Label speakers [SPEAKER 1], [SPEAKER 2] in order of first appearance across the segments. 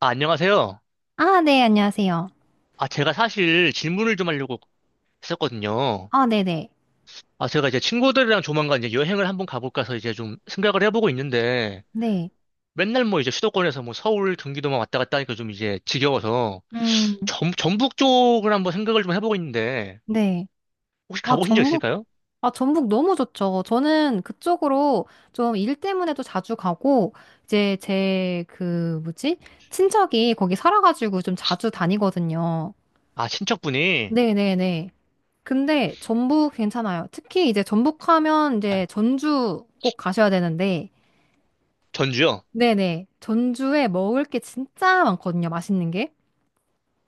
[SPEAKER 1] 아, 안녕하세요.
[SPEAKER 2] 아, 네, 안녕하세요.
[SPEAKER 1] 아, 제가 사실 질문을 좀 하려고 했었거든요.
[SPEAKER 2] 아, 네네.
[SPEAKER 1] 아, 제가 이제 친구들이랑 조만간 이제 여행을 한번 가볼까 해서 이제 좀 생각을 해보고 있는데,
[SPEAKER 2] 네.
[SPEAKER 1] 맨날 뭐 이제 수도권에서 뭐 서울, 경기도만 왔다 갔다 하니까 좀 이제 지겨워서,
[SPEAKER 2] 음,
[SPEAKER 1] 전, 전북 쪽을 한번 생각을 좀 해보고 있는데,
[SPEAKER 2] 네.
[SPEAKER 1] 혹시
[SPEAKER 2] 아,
[SPEAKER 1] 가보신 적
[SPEAKER 2] 전북,
[SPEAKER 1] 있을까요?
[SPEAKER 2] 아, 전북 너무 좋죠. 저는 그쪽으로 좀 일 때문에도 자주 가고, 이제 제 그, 뭐지? 친척이 거기 살아가지고 좀 자주 다니거든요.
[SPEAKER 1] 아, 친척분이
[SPEAKER 2] 네네네. 근데 전북 괜찮아요. 특히 이제 전북 하면 이제 전주 꼭 가셔야 되는데,
[SPEAKER 1] 전주요?
[SPEAKER 2] 네네. 전주에 먹을 게 진짜 많거든요. 맛있는 게.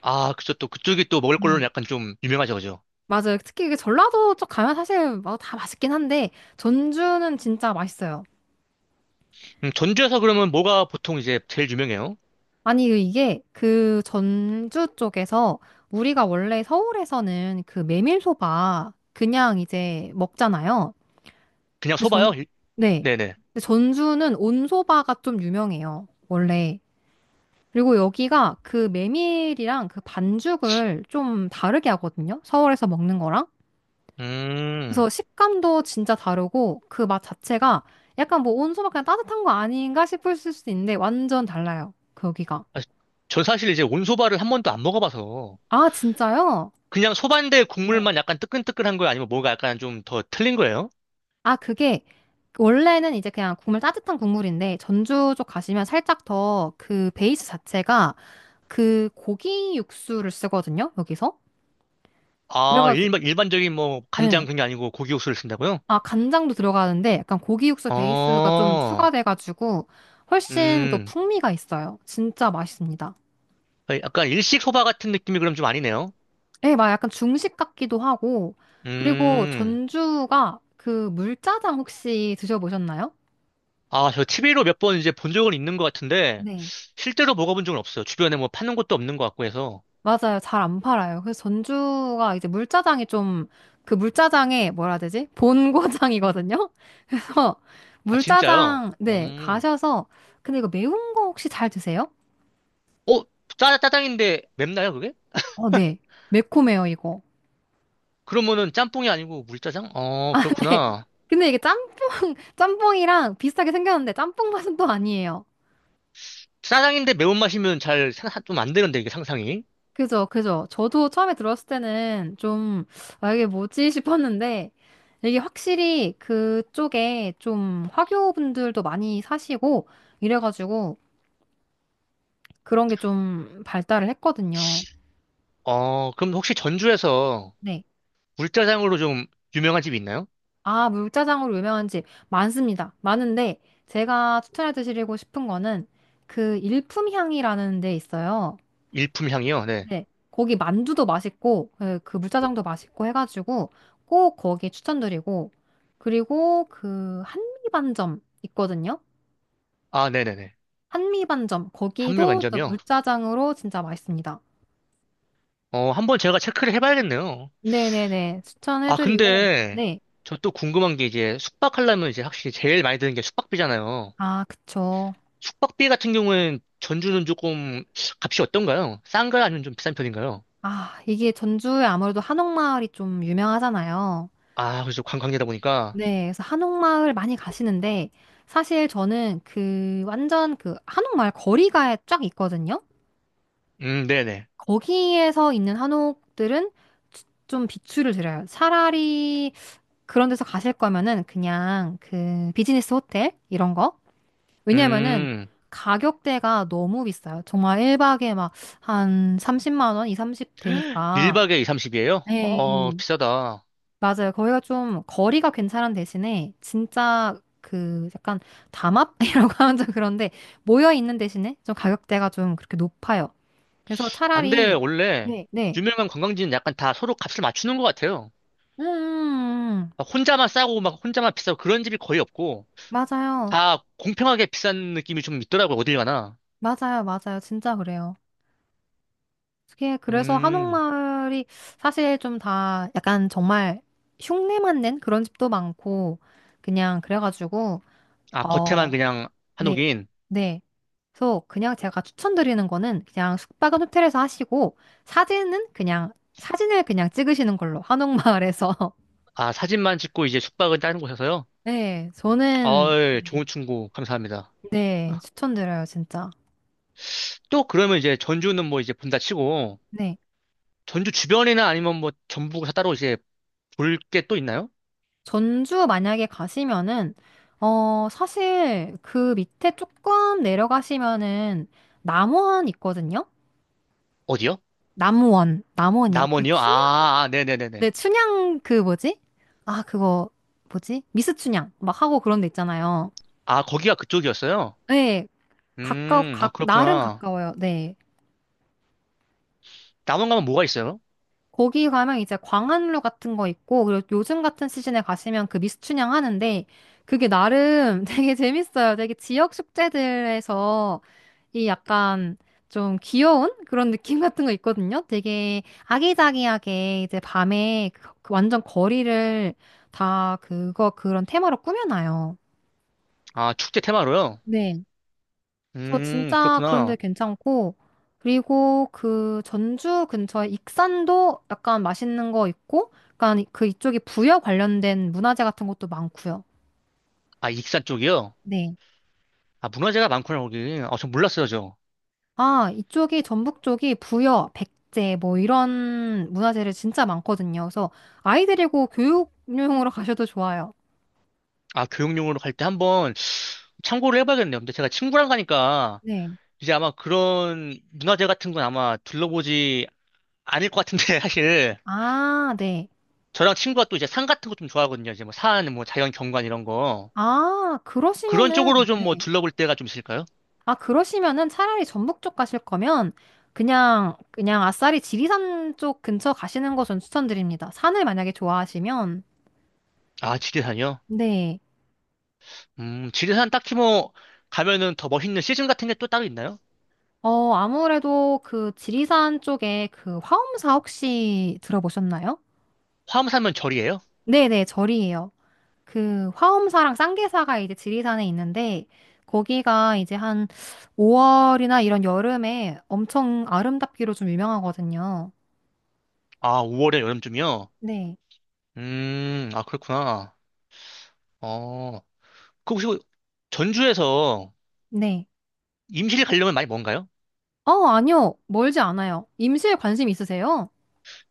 [SPEAKER 1] 아, 그쵸. 또 그쪽이 또 먹을 걸로는 약간 좀 유명하죠, 그죠?
[SPEAKER 2] 맞아요. 특히 이게 전라도 쪽 가면 사실 뭐다 맛있긴 한데 전주는 진짜 맛있어요.
[SPEAKER 1] 전주에서 그러면 뭐가 보통 이제 제일 유명해요?
[SPEAKER 2] 아니 이게 그 전주 쪽에서 우리가 원래 서울에서는 그 메밀소바 그냥 이제 먹잖아요.
[SPEAKER 1] 그냥
[SPEAKER 2] 근데
[SPEAKER 1] 소바요?
[SPEAKER 2] 전 네.
[SPEAKER 1] 네네.
[SPEAKER 2] 근데 전주는 온소바가 좀 유명해요. 원래. 그리고 여기가 그 메밀이랑 그 반죽을 좀 다르게 하거든요. 서울에서 먹는 거랑. 그래서
[SPEAKER 1] 음.
[SPEAKER 2] 식감도 진짜 다르고 그 맛 자체가 약간 뭐 온수막 그냥 따뜻한 거 아닌가 싶을 수도 있는데 완전 달라요. 거기가.
[SPEAKER 1] 아, 전 사실 이제 온소바를 한 번도 안 먹어봐서
[SPEAKER 2] 아, 진짜요?
[SPEAKER 1] 그냥 소반대
[SPEAKER 2] 네.
[SPEAKER 1] 국물만 약간 뜨끈뜨끈한 거예요? 아니면 뭐가 약간 좀 더 틀린 거예요?
[SPEAKER 2] 아, 그게 원래는 이제 그냥 국물 따뜻한 국물인데 전주 쪽 가시면 살짝 더 그 베이스 자체가 그 고기 육수를 쓰거든요. 여기서.
[SPEAKER 1] 아,
[SPEAKER 2] 그래가지고
[SPEAKER 1] 일반, 일반적인 뭐 간장
[SPEAKER 2] 네.
[SPEAKER 1] 그게 아니고 고기 육수를 쓴다고요?
[SPEAKER 2] 아, 간장도 들어가는데 약간 고기 육수 베이스가 좀
[SPEAKER 1] 어,
[SPEAKER 2] 추가돼가지고 훨씬 또
[SPEAKER 1] 음,
[SPEAKER 2] 풍미가 있어요. 진짜 맛있습니다.
[SPEAKER 1] 아, 약간 일식 소바 같은 느낌이 그럼 좀 아니네요?
[SPEAKER 2] 네, 막 약간 중식 같기도 하고. 그리고
[SPEAKER 1] 음,
[SPEAKER 2] 전주가 그 물짜장 혹시 드셔보셨나요?
[SPEAKER 1] 아, 저 TV로 몇 번 이제 본 적은 있는 것 같은데
[SPEAKER 2] 네.
[SPEAKER 1] 실제로 먹어본 적은 없어요. 주변에 뭐 파는 곳도 없는 것 같고 해서.
[SPEAKER 2] 맞아요. 잘 안 팔아요. 그래서 전주가 이제 물짜장이 좀, 그 물짜장의 뭐라 해야 되지? 본고장이거든요? 그래서
[SPEAKER 1] 아, 진짜요?
[SPEAKER 2] 물짜장, 네,
[SPEAKER 1] 음,
[SPEAKER 2] 가셔서, 근데 이거 매운 거 혹시 잘 드세요?
[SPEAKER 1] 어, 짜, 짜장인데 맵나요, 그게?
[SPEAKER 2] 어, 네. 매콤해요, 이거.
[SPEAKER 1] 그러면은 짬뽕이 아니고 물짜장? 어,
[SPEAKER 2] 네.
[SPEAKER 1] 그렇구나.
[SPEAKER 2] 근데 이게 짬뽕, 짬뽕이랑 비슷하게 생겼는데 짬뽕 맛은 또 아니에요.
[SPEAKER 1] 짜장인데 매운맛이면 잘, 좀 안 되는데, 이게 상상이.
[SPEAKER 2] 그죠, 그죠. 저도 처음에 들었을 때는 좀, 아, 이게 뭐지 싶었는데, 이게 확실히 그쪽에 좀 화교분들도 많이 사시고, 이래가지고 그런 게 좀 발달을 했거든요.
[SPEAKER 1] 어, 그럼 혹시 전주에서
[SPEAKER 2] 네.
[SPEAKER 1] 물짜장으로 좀 유명한 집이 있나요?
[SPEAKER 2] 아, 물짜장으로 유명한 집 많습니다. 많은데, 제가 추천해 드리고 싶은 거는 그 일품향이라는 데 있어요.
[SPEAKER 1] 일품 향이요? 네.
[SPEAKER 2] 네, 거기 만두도 맛있고, 예, 그 물짜장도 맛있고 해가지고 꼭 거기 추천드리고, 그리고 그 한미반점 있거든요?
[SPEAKER 1] 아, 네네네.
[SPEAKER 2] 한미반점,
[SPEAKER 1] 한물
[SPEAKER 2] 거기도 진짜
[SPEAKER 1] 만점이요?
[SPEAKER 2] 물짜장으로 진짜 맛있습니다.
[SPEAKER 1] 어, 한번 제가 체크를 해봐야겠네요.
[SPEAKER 2] 네네네,
[SPEAKER 1] 아,
[SPEAKER 2] 추천해드리고,
[SPEAKER 1] 근데
[SPEAKER 2] 네.
[SPEAKER 1] 저 또 궁금한 게 이제 숙박하려면 이제 확실히 제일 많이 드는 게 숙박비잖아요.
[SPEAKER 2] 아, 그쵸.
[SPEAKER 1] 숙박비 같은 경우는 전주는 조금 값이 어떤가요? 싼가요? 아니면 좀 비싼 편인가요?
[SPEAKER 2] 아, 이게 전주에 아무래도 한옥마을이 좀 유명하잖아요.
[SPEAKER 1] 아, 그래서 관광지다 보니까.
[SPEAKER 2] 네, 그래서 한옥마을 많이 가시는데, 사실 저는 그 완전 그 한옥마을 거리가 쫙 있거든요?
[SPEAKER 1] 네네.
[SPEAKER 2] 거기에서 있는 한옥들은 좀 비추를 드려요. 차라리 그런 데서 가실 거면은 그냥 그 비즈니스 호텔 이런 거. 왜냐면은
[SPEAKER 1] 음,
[SPEAKER 2] 가격대가 너무 비싸요. 정말 1박에 막 한 30만 원, 2, 30 되니까.
[SPEAKER 1] 1박에 2, 30이에요? 어,
[SPEAKER 2] 네,
[SPEAKER 1] 비싸다.
[SPEAKER 2] 맞아요. 거기가 좀 거리가 괜찮은 대신에 진짜 그 약간 담합이라고 하면 좀 그런데 모여 있는 대신에 좀 가격대가 좀 그렇게 높아요. 그래서
[SPEAKER 1] 안데
[SPEAKER 2] 차라리
[SPEAKER 1] 원래
[SPEAKER 2] 네, 네.
[SPEAKER 1] 유명한 관광지는 약간 다 서로 값을 맞추는 것 같아요.
[SPEAKER 2] 음,
[SPEAKER 1] 막 혼자만 싸고 막 혼자만 비싸고 그런 집이 거의 없고
[SPEAKER 2] 맞아요.
[SPEAKER 1] 다 공평하게 비싼 느낌이 좀 있더라고요. 어딜 가나.
[SPEAKER 2] 맞아요. 맞아요. 진짜 그래요. 그게 그래서
[SPEAKER 1] 음,
[SPEAKER 2] 한옥마을이 사실 좀 다 약간 정말 흉내만 낸 그런 집도 많고, 그냥 그래가지고,
[SPEAKER 1] 아, 겉에만
[SPEAKER 2] 어,
[SPEAKER 1] 그냥
[SPEAKER 2] 네.
[SPEAKER 1] 한옥인.
[SPEAKER 2] 네. 그래서 그냥 제가 추천드리는 거는 그냥 숙박은 호텔에서 하시고, 사진은 그냥, 사진을 그냥 찍으시는 걸로, 한옥마을에서.
[SPEAKER 1] 아, 사진만 찍고 이제 숙박은 다른 곳에서요?
[SPEAKER 2] 네. 저는,
[SPEAKER 1] 어이, 좋은 충고 감사합니다.
[SPEAKER 2] 네.
[SPEAKER 1] 아,
[SPEAKER 2] 추천드려요. 진짜.
[SPEAKER 1] 또 그러면 이제 전주는 뭐 이제 본다 치고
[SPEAKER 2] 네.
[SPEAKER 1] 전주 주변이나 아니면 뭐 전부가 따로 이제 볼 게 또 있나요?
[SPEAKER 2] 전주 만약에 가시면은, 어, 사실 그 밑에 조금 내려가시면은 남원 있거든요?
[SPEAKER 1] 어디요?
[SPEAKER 2] 남원, 남원이요. 그
[SPEAKER 1] 남원이요? 아,
[SPEAKER 2] 춘향?
[SPEAKER 1] 아, 아, 네네네네.
[SPEAKER 2] 네, 춘향 그 뭐지? 아, 그거 뭐지? 미스 춘향 막 하고 그런 데 있잖아요.
[SPEAKER 1] 아, 거기가 그쪽이었어요?
[SPEAKER 2] 네,
[SPEAKER 1] 아,
[SPEAKER 2] 나름
[SPEAKER 1] 그렇구나.
[SPEAKER 2] 가까워요. 네.
[SPEAKER 1] 남원 가면 뭐가 있어요?
[SPEAKER 2] 거기 가면 이제 광안루 같은 거 있고, 그리고 요즘 같은 시즌에 가시면 그 미스춘향 하는데, 그게 나름 되게 재밌어요. 되게 지역 축제들에서 이 약간 좀 귀여운 그런 느낌 같은 거 있거든요. 되게 아기자기하게 이제 밤에 그 완전 거리를 다 그거 그런 테마로 꾸며놔요.
[SPEAKER 1] 아, 축제 테마로요?
[SPEAKER 2] 네. 저 진짜 그런데
[SPEAKER 1] 그렇구나.
[SPEAKER 2] 괜찮고, 그리고 그 전주 근처에 익산도 약간 맛있는 거 있고, 약간 그 이쪽이 부여 관련된 문화재 같은 것도 많고요.
[SPEAKER 1] 아, 익산 쪽이요?
[SPEAKER 2] 네.
[SPEAKER 1] 아, 문화재가 많구나, 거기. 아, 전 몰랐어요, 저.
[SPEAKER 2] 아, 이쪽이 전북 쪽이 부여, 백제 뭐 이런 문화재를 진짜 많거든요. 그래서 아이 데리고 교육용으로 가셔도 좋아요.
[SPEAKER 1] 아, 교육용으로 갈 때 한번 참고를 해봐야겠네요. 근데 제가 친구랑 가니까
[SPEAKER 2] 네.
[SPEAKER 1] 이제 아마 그런 문화재 같은 건 아마 둘러보지 않을 것 같은데, 사실.
[SPEAKER 2] 아, 네.
[SPEAKER 1] 저랑 친구가 또 이제 산 같은 거 좀 좋아하거든요. 이제 뭐 산, 뭐 자연 경관 이런 거.
[SPEAKER 2] 아,
[SPEAKER 1] 그런
[SPEAKER 2] 그러시면은,
[SPEAKER 1] 쪽으로 좀 뭐
[SPEAKER 2] 네.
[SPEAKER 1] 둘러볼 때가 좀 있을까요?
[SPEAKER 2] 아, 그러시면은 차라리 전북 쪽 가실 거면 그냥 아싸리 지리산 쪽 근처 가시는 거 전 추천드립니다. 산을 만약에 좋아하시면.
[SPEAKER 1] 아, 지리산이요?
[SPEAKER 2] 네.
[SPEAKER 1] 지리산 딱히 뭐 가면은 더 멋있는 시즌 같은 게 또 따로 있나요?
[SPEAKER 2] 어, 아무래도 그 지리산 쪽에 그 화엄사 혹시 들어보셨나요?
[SPEAKER 1] 화암산면 절이에요?
[SPEAKER 2] 네네, 절이에요. 그 화엄사랑 쌍계사가 이제 지리산에 있는데 거기가 이제 한 5월이나 이런 여름에 엄청 아름답기로 좀 유명하거든요.
[SPEAKER 1] 아, 5월에 여름쯤이요?
[SPEAKER 2] 네.
[SPEAKER 1] 아, 그렇구나. 어, 그 혹시 뭐 전주에서
[SPEAKER 2] 네.
[SPEAKER 1] 임실 가려면 많이 먼가요?
[SPEAKER 2] 어, 아니요. 멀지 않아요. 임시에 관심 있으세요?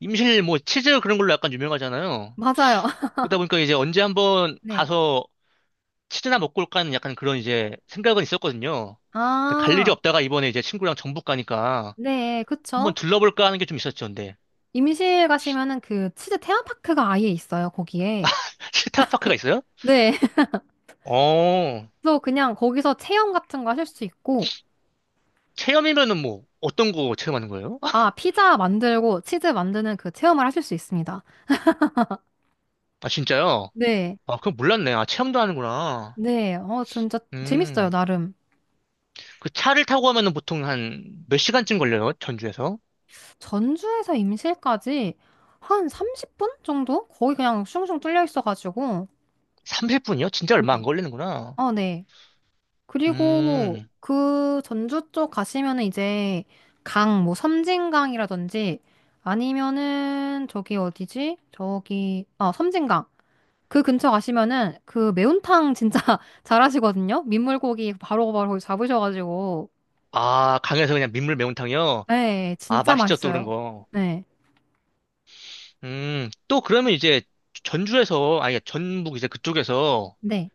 [SPEAKER 1] 임실 뭐 치즈 그런 걸로 약간 유명하잖아요.
[SPEAKER 2] 맞아요.
[SPEAKER 1] 그러다 보니까 이제 언제 한번
[SPEAKER 2] 네.
[SPEAKER 1] 가서 치즈나 먹고 올까 하는 약간 그런 이제 생각은 있었거든요. 근데 갈 일이
[SPEAKER 2] 아,
[SPEAKER 1] 없다가 이번에 이제 친구랑 전북 가니까
[SPEAKER 2] 네,
[SPEAKER 1] 한번
[SPEAKER 2] 그쵸.
[SPEAKER 1] 둘러볼까 하는 게 좀 있었죠, 근데.
[SPEAKER 2] 임시에 가시면은 그 치즈 테마파크가 아예 있어요, 거기에.
[SPEAKER 1] 실타파크가 있어요?
[SPEAKER 2] 네.
[SPEAKER 1] 어,
[SPEAKER 2] 그래서 그냥 거기서 체험 같은 거 하실 수 있고,
[SPEAKER 1] 체험이면은 뭐 어떤 거 체험하는 거예요?
[SPEAKER 2] 아, 피자 만들고 치즈 만드는 그 체험을 하실 수 있습니다.
[SPEAKER 1] 아 진짜요?
[SPEAKER 2] 네.
[SPEAKER 1] 아 그건 몰랐네. 아 체험도 하는구나.
[SPEAKER 2] 네. 어, 진짜 재밌어요,
[SPEAKER 1] 음.
[SPEAKER 2] 나름.
[SPEAKER 1] 그 차를 타고 가면은 보통 한 몇 시간쯤 걸려요? 전주에서?
[SPEAKER 2] 전주에서 임실까지 한 30분 정도? 거의 그냥 슝슝 뚫려 있어가지고.
[SPEAKER 1] 30분이요? 진짜 얼마 안
[SPEAKER 2] 네.
[SPEAKER 1] 걸리는구나.
[SPEAKER 2] 어, 네. 그리고
[SPEAKER 1] 음.
[SPEAKER 2] 그 전주 쪽 가시면은 이제 강, 뭐 섬진강이라든지 아니면은 저기 어디지? 저기, 아, 섬진강. 그 근처 가시면은 그 매운탕 진짜 잘하시거든요? 민물고기 바로바로 잡으셔가지고.
[SPEAKER 1] 아 강에서 그냥 민물 매운탕이요?
[SPEAKER 2] 네,
[SPEAKER 1] 아
[SPEAKER 2] 진짜
[SPEAKER 1] 맛있죠 또 그런
[SPEAKER 2] 맛있어요.
[SPEAKER 1] 거.
[SPEAKER 2] 네.
[SPEAKER 1] 음. 또 그러면 이제 전주에서 아니 전북 이제 그쪽에서
[SPEAKER 2] 네.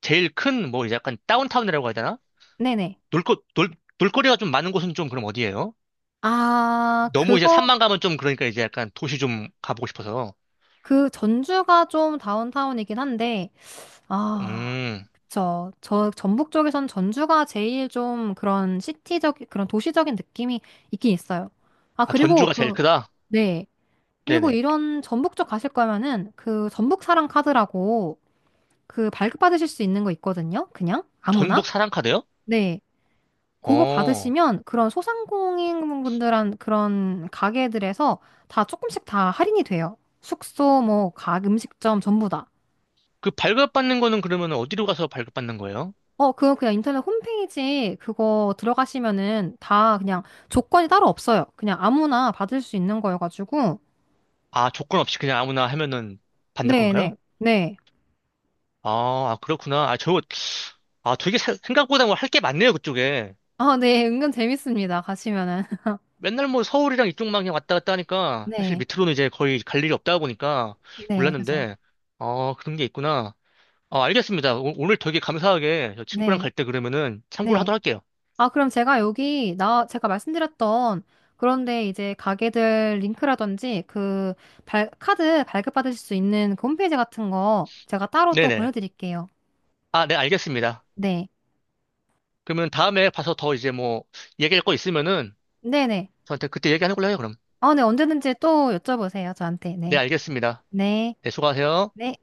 [SPEAKER 1] 제일 큰 뭐 이제 약간 다운타운이라고 해야 되나?
[SPEAKER 2] 네네.
[SPEAKER 1] 놀거 놀 놀거리가 좀 많은 곳은 좀 그럼 어디예요?
[SPEAKER 2] 아,
[SPEAKER 1] 너무 이제
[SPEAKER 2] 그거,
[SPEAKER 1] 산만 가면 좀 그러니까 이제 약간 도시 좀 가보고 싶어서.
[SPEAKER 2] 그 전주가 좀 다운타운이긴 한데, 아.
[SPEAKER 1] 음.
[SPEAKER 2] 전북 쪽에선 전주가 제일 좀 그런 시티적, 그런 도시적인 느낌이 있긴 있어요. 아,
[SPEAKER 1] 아,
[SPEAKER 2] 그리고
[SPEAKER 1] 전주가 제일
[SPEAKER 2] 그,
[SPEAKER 1] 크다?
[SPEAKER 2] 네. 그리고
[SPEAKER 1] 네네.
[SPEAKER 2] 이런 전북 쪽 가실 거면은 그 전북 사랑 카드라고 그 발급받으실 수 있는 거 있거든요. 그냥 아무나.
[SPEAKER 1] 전북 사랑카대요?
[SPEAKER 2] 네. 그거
[SPEAKER 1] 어.
[SPEAKER 2] 받으시면 그런 소상공인 분들한 그런 가게들에서 다 조금씩 다 할인이 돼요. 숙소, 뭐, 각 음식점 전부 다.
[SPEAKER 1] 그 발급받는 거는 그러면 어디로 가서 발급받는 거예요?
[SPEAKER 2] 어, 그거 그냥 인터넷 홈페이지 그거 들어가시면은 다 그냥 조건이 따로 없어요. 그냥 아무나 받을 수 있는 거여가지고.
[SPEAKER 1] 아, 조건 없이 그냥 아무나 하면은 받는
[SPEAKER 2] 네네. 네.
[SPEAKER 1] 건가요?
[SPEAKER 2] 네.
[SPEAKER 1] 아, 아, 그렇구나. 아, 저, 아, 되게 생각보다 뭐 할 게 많네요, 그쪽에.
[SPEAKER 2] 아, 네. 은근 재밌습니다. 가시면은.
[SPEAKER 1] 맨날 뭐 서울이랑 이쪽만 그냥 왔다 갔다 하니까 사실
[SPEAKER 2] 네.
[SPEAKER 1] 밑으로는 이제 거의 갈 일이 없다 보니까
[SPEAKER 2] 네. 그죠.
[SPEAKER 1] 몰랐는데, 어, 그런 게 있구나. 어, 알겠습니다. 오, 오늘 되게 감사하게 저 친구랑
[SPEAKER 2] 네.
[SPEAKER 1] 갈 때 그러면은 참고를
[SPEAKER 2] 네.
[SPEAKER 1] 하도록 할게요.
[SPEAKER 2] 아, 그럼 제가 말씀드렸던 그런데 이제 가게들 링크라든지 그 카드 발급받으실 수 있는 그 홈페이지 같은 거 제가 따로 또
[SPEAKER 1] 네네.
[SPEAKER 2] 보내드릴게요.
[SPEAKER 1] 아, 네, 알겠습니다.
[SPEAKER 2] 네.
[SPEAKER 1] 그러면 다음에 봐서 더 이제 뭐 얘기할 거 있으면은
[SPEAKER 2] 네네.
[SPEAKER 1] 저한테 그때 얘기하는 걸로 해요, 그럼.
[SPEAKER 2] 아, 네. 언제든지 또 여쭤보세요. 저한테.
[SPEAKER 1] 네,
[SPEAKER 2] 네.
[SPEAKER 1] 알겠습니다.
[SPEAKER 2] 네.
[SPEAKER 1] 네, 수고하세요.
[SPEAKER 2] 네.